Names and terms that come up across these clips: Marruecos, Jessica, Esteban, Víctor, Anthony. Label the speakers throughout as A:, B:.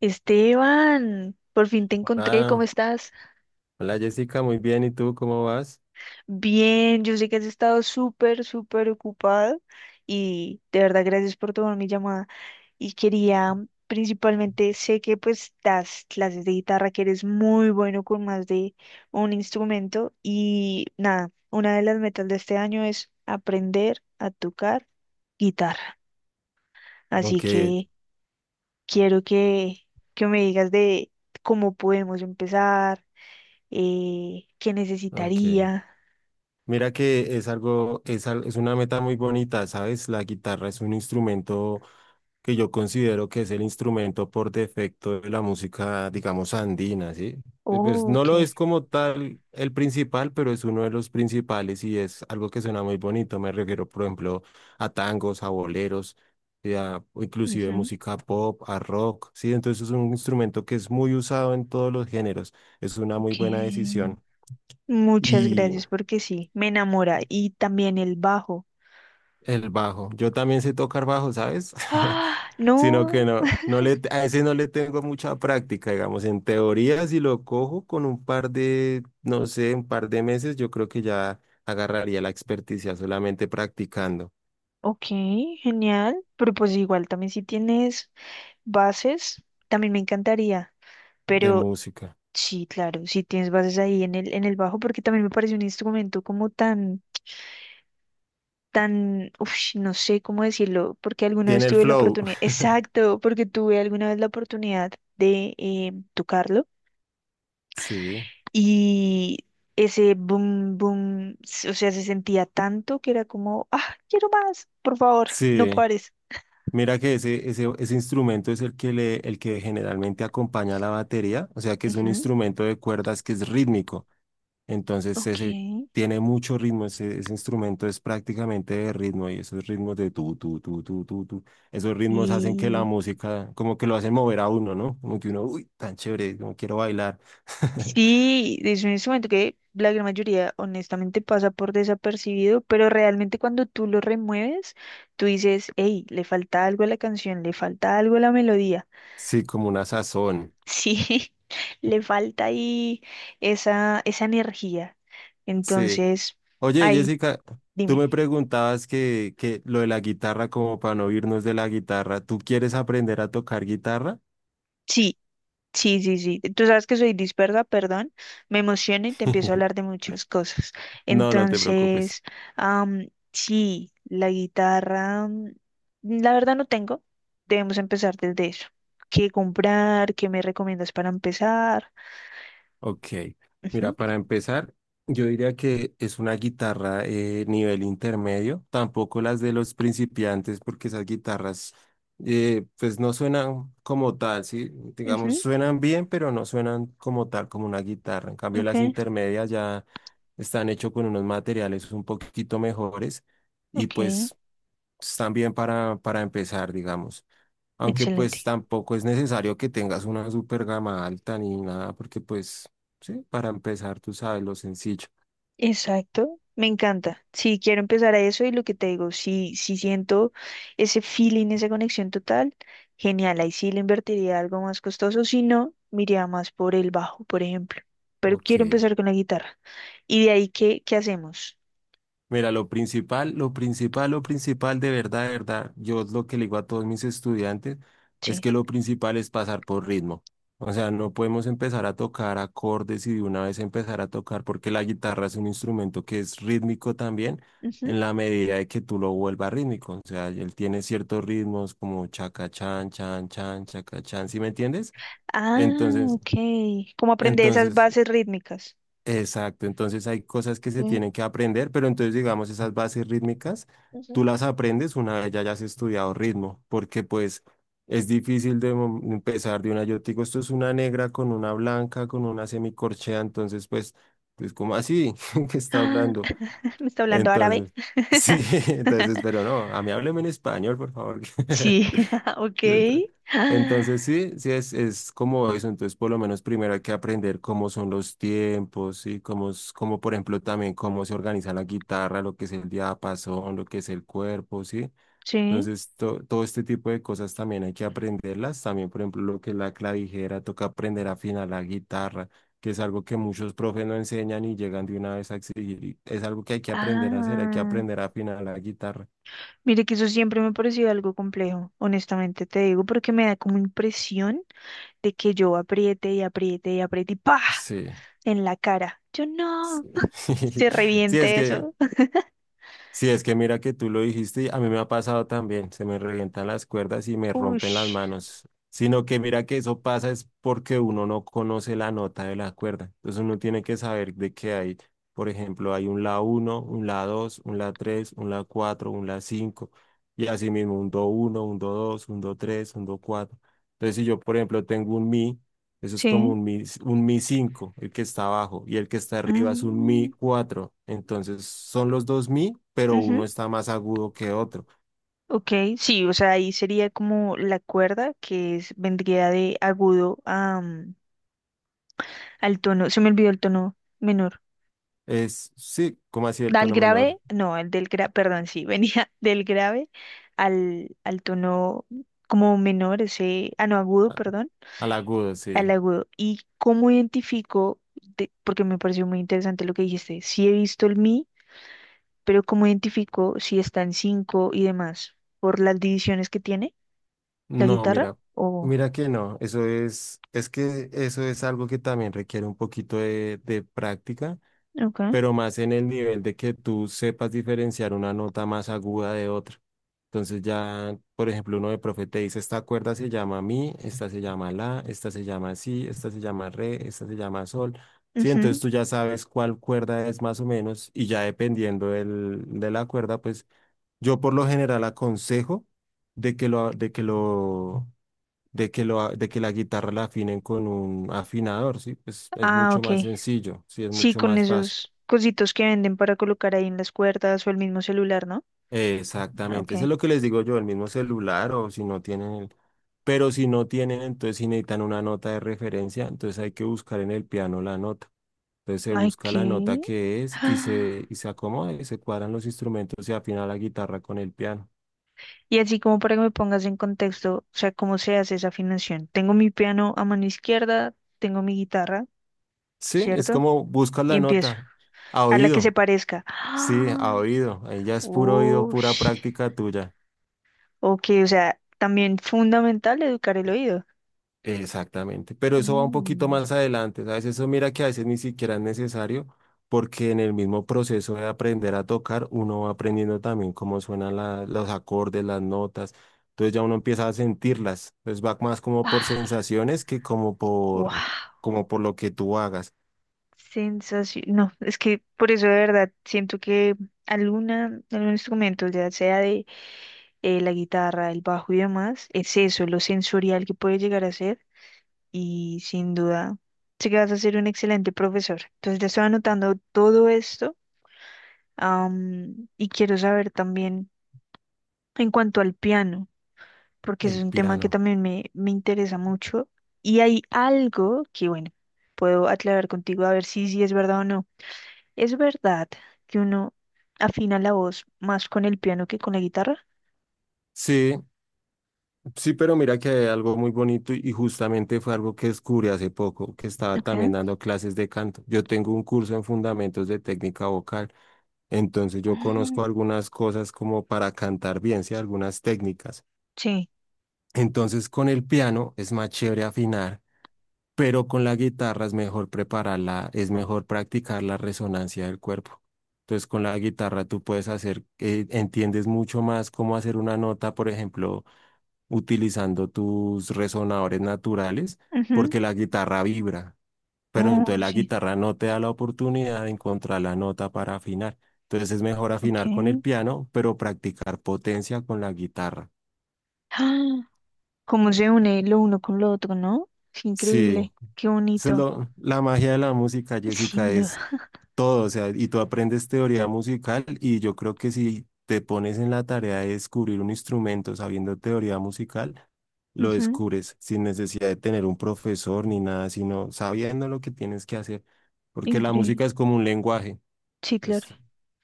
A: Esteban, por fin te encontré, ¿cómo
B: Ah,
A: estás?
B: hola Jessica, muy bien. ¿Y tú cómo vas?
A: Bien, yo sé que has estado súper, súper ocupado y de verdad gracias por tomar mi llamada. Y quería, principalmente, sé que pues das clases de guitarra, que eres muy bueno con más de un instrumento y nada, una de las metas de este año es aprender a tocar guitarra. Así
B: Aunque,
A: que quiero que me digas de cómo podemos empezar qué
B: aunque,
A: necesitaría.
B: mira que es algo, es, es una meta muy bonita, ¿sabes? La guitarra es un instrumento que yo considero que es el instrumento por defecto de la música, digamos, andina, ¿sí? Pues,
A: Oh,
B: no lo
A: ok.
B: es como tal el principal, pero es uno de los principales y es algo que suena muy bonito. Me refiero, por ejemplo, a tangos, a boleros, y o inclusive
A: Ujú,
B: música pop, a rock, ¿sí? Entonces es un instrumento que es muy usado en todos los géneros. Es una muy
A: ok.
B: buena decisión.
A: Muchas
B: Y
A: gracias porque sí, me enamora. Y también el bajo.
B: el bajo. Yo también sé tocar bajo, ¿sabes?
A: Ah,
B: Sino que
A: no.
B: no, a ese no le tengo mucha práctica, digamos, en teoría, si lo cojo con un par de, no sé, un par de meses, yo creo que ya agarraría la experticia solamente practicando
A: Ok, genial. Pero pues igual también si tienes bases, también me encantaría.
B: de
A: Pero
B: música.
A: sí, claro, si tienes bases ahí en el bajo, porque también me parece un instrumento como tan tan, uf, no sé cómo decirlo, porque alguna vez
B: Tiene el
A: tuve la
B: flow,
A: oportunidad, exacto, porque tuve alguna vez la oportunidad de tocarlo
B: sí,
A: y ese boom, boom, o sea, se sentía tanto que era como, ah, quiero más, por favor, no
B: sí.
A: pares.
B: Mira que ese instrumento es el que el que generalmente acompaña a la batería, o sea que es un
A: Ujú,
B: instrumento de cuerdas que es rítmico. Entonces,
A: ok.
B: ese tiene mucho ritmo, ese instrumento es prácticamente de ritmo y esos ritmos de tu, tu, tu, tu, tu, tu, esos ritmos hacen que la
A: Y
B: música, como que lo hacen mover a uno, ¿no? Como que uno, uy, tan chévere, como quiero bailar.
A: sí, es un instrumento que la gran mayoría honestamente pasa por desapercibido, pero realmente cuando tú lo remueves, tú dices, hey, le falta algo a la canción, le falta algo a la melodía.
B: Sí, como una sazón.
A: Sí, le falta ahí esa, esa energía.
B: Sí.
A: Entonces,
B: Oye,
A: ahí,
B: Jessica, tú
A: dime.
B: me preguntabas que lo de la guitarra, como para no irnos de la guitarra, ¿tú quieres aprender a tocar guitarra?
A: Sí, sí, sí, sí. Tú sabes que soy dispersa, perdón. Me emociono y te empiezo a hablar de muchas cosas.
B: No, no te preocupes.
A: Entonces, sí, la guitarra, la verdad no tengo. Debemos empezar desde eso. ¿Qué comprar? ¿Qué me recomiendas para empezar?
B: Ok,
A: Ujú,
B: mira, para empezar, yo diría que es una guitarra nivel intermedio, tampoco las de los principiantes, porque esas guitarras pues no suenan como tal, ¿sí? Digamos,
A: ujú,
B: suenan bien, pero no suenan como tal, como una guitarra. En cambio,
A: ok,
B: las intermedias ya están hechas con unos materiales un poquito mejores y
A: ok,
B: pues pues, también para empezar, digamos. Aunque pues
A: excelente.
B: tampoco es necesario que tengas una super gama alta ni nada, porque pues sí, para empezar tú sabes lo sencillo.
A: Exacto, me encanta. Sí, quiero empezar a eso y lo que te digo, si siento ese feeling, esa conexión total, genial, ahí sí le invertiría algo más costoso, si no, me iría más por el bajo, por ejemplo. Pero
B: Ok.
A: quiero empezar con la guitarra. ¿Y de ahí qué hacemos?
B: Mira, lo principal de verdad, yo lo que le digo a todos mis estudiantes es
A: Sí.
B: que lo principal es pasar por ritmo. O sea, no podemos empezar a tocar acordes y de una vez empezar a tocar porque la guitarra es un instrumento que es rítmico también
A: Ujú.
B: en la medida de que tú lo vuelvas rítmico. O sea, él tiene ciertos ritmos como chaca chan, chan, chan, chaca chan, ¿sí me entiendes?
A: Ah,
B: Entonces,
A: ok. ¿Cómo aprender esas
B: entonces
A: bases rítmicas?
B: exacto, entonces hay cosas que se
A: Sí.
B: tienen que aprender, pero entonces digamos esas bases rítmicas,
A: Ujú.
B: tú las aprendes una vez ya hayas estudiado ritmo, porque pues es difícil de empezar de una, yo te digo, esto es una negra con una blanca, con una semicorchea, entonces pues, pues como así que está
A: Ah,
B: hablando,
A: ¿me está hablando árabe?
B: entonces, sí, entonces, pero no, a mí hábleme en español, por favor.
A: Sí, ok.
B: Neta.
A: Ah,
B: Entonces sí, sí es como eso, entonces por lo menos primero hay que aprender cómo son los tiempos y cómo, cómo por ejemplo también cómo se organiza la guitarra, lo que es el diapasón, lo que es el cuerpo, ¿sí?
A: sí.
B: Entonces todo este tipo de cosas también hay que aprenderlas, también por ejemplo lo que es la clavijera, toca aprender a afinar la guitarra, que es algo que muchos profes no enseñan y llegan de una vez a exigir, y es algo que hay que aprender a hacer, hay que
A: Ah.
B: aprender a afinar la guitarra.
A: Mire que eso siempre me ha parecido algo complejo, honestamente te digo, porque me da como impresión de que yo apriete y apriete y apriete y ¡pa!
B: Sí.
A: En la cara. Yo
B: Sí,
A: no, se
B: sí, es
A: reviente
B: que...
A: eso.
B: Sí, es que mira que tú lo dijiste, y a mí me ha pasado también, se me revientan las cuerdas y me rompen las
A: Ush,
B: manos, sino que mira que eso pasa es porque uno no conoce la nota de la cuerda, entonces uno tiene que saber de qué hay, por ejemplo, hay un la uno, un la 2, un la 3, un la 4, un la 5 y así mismo un do uno, un do 2, un do 3, un do 4. Entonces si yo, por ejemplo, tengo un mi, eso es como
A: sí.
B: un mi 5 el que está abajo, y el que está arriba es un mi
A: Mm,
B: cuatro. Entonces son los dos mi, pero uno
A: ujú,
B: está más agudo que otro.
A: ok, sí, o sea, ahí sería como la cuerda que es, vendría de agudo a, al tono, se me olvidó el tono menor.
B: Es, sí, como así el
A: Al
B: tono
A: grave,
B: menor
A: no, el del grave, perdón, sí, venía del grave al, al tono como menor, ese, ah, no, agudo, perdón,
B: al agudo, sí.
A: al agudo. ¿Y cómo identifico, de- porque me pareció muy interesante lo que dijiste, sí he visto el mi, pero cómo identifico si está en cinco y demás, por las divisiones que tiene la
B: No,
A: guitarra?
B: mira,
A: O,
B: mira que no. Eso es que eso es algo que también requiere un poquito de práctica,
A: ok,
B: pero más en el nivel de que tú sepas diferenciar una nota más aguda de otra. Entonces ya, por ejemplo, uno de profe te dice, esta cuerda se llama mi, esta se llama la, esta se llama si, esta se llama re, esta se llama sol. Sí, entonces
A: ujú,
B: tú ya sabes cuál cuerda es más o menos y ya dependiendo del, de la cuerda, pues yo por lo general aconsejo de que lo, de que lo, de que lo, de que la guitarra la afinen con un afinador, sí, pues es
A: ah,
B: mucho más
A: ok.
B: sencillo, sí, es
A: Sí,
B: mucho
A: con
B: más fácil.
A: esos cositos que venden para colocar ahí en las cuerdas o el mismo celular, ¿no? Ah,
B: Exactamente, eso es
A: ok.
B: lo que les digo yo, el mismo celular o si no tienen el... Pero si no tienen, entonces si necesitan una nota de referencia, entonces hay que buscar en el piano la nota. Entonces se
A: Ay,
B: busca la nota
A: ¿qué?
B: que es y
A: Ah,
B: y se acomoda, y se cuadran los instrumentos y afina la guitarra con el piano.
A: y así como para que me pongas en contexto, o sea, cómo se hace esa afinación. Tengo mi piano a mano izquierda, tengo mi guitarra,
B: Sí, es
A: ¿cierto?
B: como buscas
A: Y
B: la
A: empiezo.
B: nota a
A: A la que se
B: oído.
A: parezca.
B: Sí, a
A: Ah,
B: oído. Ahí ya es puro oído, pura
A: ush.
B: práctica tuya.
A: Ok, o sea, también fundamental educar el oído.
B: Exactamente, pero eso va un poquito
A: Mm.
B: más adelante, ¿sabes? Eso mira que a veces ni siquiera es necesario, porque en el mismo proceso de aprender a tocar, uno va aprendiendo también cómo suenan los acordes, las notas, entonces ya uno empieza a sentirlas, entonces va más como por
A: Ah,
B: sensaciones que como por,
A: wow.
B: como por lo que tú hagas,
A: Sensación. No, es que por eso de verdad siento que alguna, algún instrumento, ya sea de la guitarra, el bajo y demás, es eso, lo sensorial que puede llegar a ser y sin duda sé que vas a ser un excelente profesor. Entonces ya estoy anotando todo esto, y quiero saber también en cuanto al piano, porque ese
B: el
A: es un tema que
B: piano.
A: también me interesa mucho y hay algo que, bueno, puedo aclarar contigo a ver si es verdad o no. ¿Es verdad que uno afina la voz más con el piano que con la guitarra?
B: Sí, sí, pero mira que hay algo muy bonito y justamente fue algo que descubrí hace poco, que estaba
A: Ok.
B: también dando clases de canto. Yo tengo un curso en fundamentos de técnica vocal. Entonces yo
A: Oh,
B: conozco algunas cosas como para cantar bien, ¿sí? Algunas técnicas.
A: sí.
B: Entonces con el piano es más chévere afinar, pero con la guitarra es mejor prepararla, es mejor practicar la resonancia del cuerpo. Entonces con la guitarra tú puedes hacer, entiendes mucho más cómo hacer una nota, por ejemplo, utilizando tus resonadores naturales, porque la guitarra vibra, pero
A: Oh,
B: entonces la
A: sí,
B: guitarra no te da la oportunidad de encontrar la nota para afinar. Entonces es mejor
A: ok.
B: afinar con el piano, pero practicar potencia con la guitarra.
A: ¡Ah! Cómo se une lo uno con lo otro, ¿no? Es
B: Sí,
A: increíble, qué
B: eso es
A: bonito,
B: la magia de la música, Jessica,
A: sin duda.
B: es todo, o sea, y tú aprendes teoría musical y yo creo que si te pones en la tarea de descubrir un instrumento sabiendo teoría musical, lo
A: Ujú,
B: descubres sin necesidad de tener un profesor ni nada, sino sabiendo lo que tienes que hacer, porque la música
A: increíble.
B: es como un lenguaje.
A: Sí, claro.
B: Pues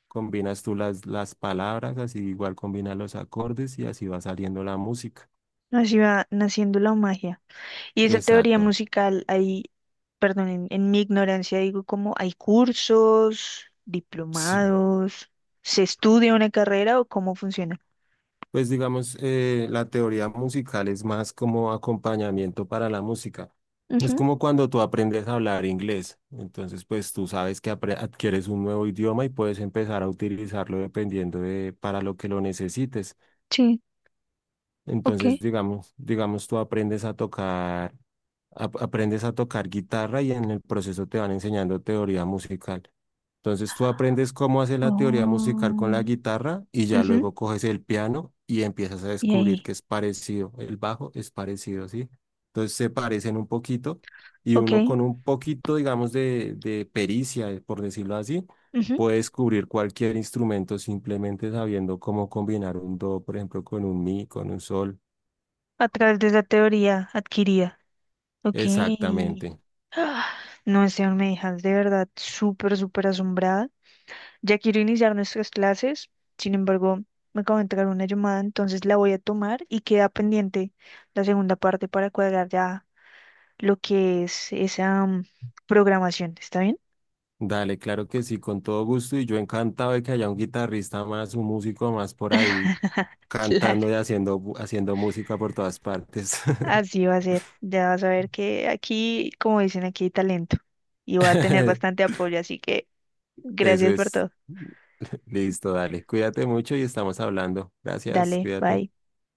B: combinas tú las palabras, así igual combinas los acordes y así va saliendo la música.
A: Así va naciendo la magia. Y esa teoría
B: Exacto,
A: musical, ahí, perdón, en mi ignorancia digo como hay cursos,
B: sí.
A: diplomados, ¿se estudia una carrera o cómo funciona?
B: Pues digamos, la teoría musical es más como acompañamiento para la música. Es
A: Ujú,
B: como cuando tú aprendes a hablar inglés. Entonces, pues tú sabes que adquieres un nuevo idioma y puedes empezar a utilizarlo dependiendo de para lo que lo necesites.
A: sí, ok.
B: Entonces, digamos, tú aprendes a tocar, aprendes a tocar guitarra y en el proceso te van enseñando teoría musical. Entonces, tú aprendes cómo hacer la teoría musical con la
A: Oh,
B: guitarra y ya
A: ujú,
B: luego coges el piano y empiezas a
A: y
B: descubrir
A: ahí,
B: que es parecido, el bajo es parecido, ¿sí? Entonces, se parecen un poquito y uno
A: ok.
B: con un poquito, digamos, de pericia, por decirlo así,
A: Ujú,
B: puede descubrir cualquier instrumento simplemente sabiendo cómo combinar un do, por ejemplo, con un mi, con un sol.
A: a través de esa teoría adquirida. Ok.
B: Exactamente.
A: Ah, no, Esteban, me dejas de verdad súper, súper asombrada. Ya quiero iniciar nuestras clases, sin embargo, me acabo de entrar una llamada, entonces la voy a tomar y queda pendiente la segunda parte para cuadrar ya lo que es esa programación. ¿Está bien?
B: Dale, claro que sí, con todo gusto y yo encantado de que haya un guitarrista más, un músico más por ahí
A: Claro,
B: cantando y haciendo, haciendo música por todas partes.
A: así va a ser. Ya vas a ver que aquí, como dicen, aquí hay talento y voy a tener bastante apoyo, así que
B: Eso
A: gracias por
B: es.
A: todo.
B: Listo, dale. Cuídate mucho y estamos hablando. Gracias,
A: Dale,
B: cuídate.
A: bye.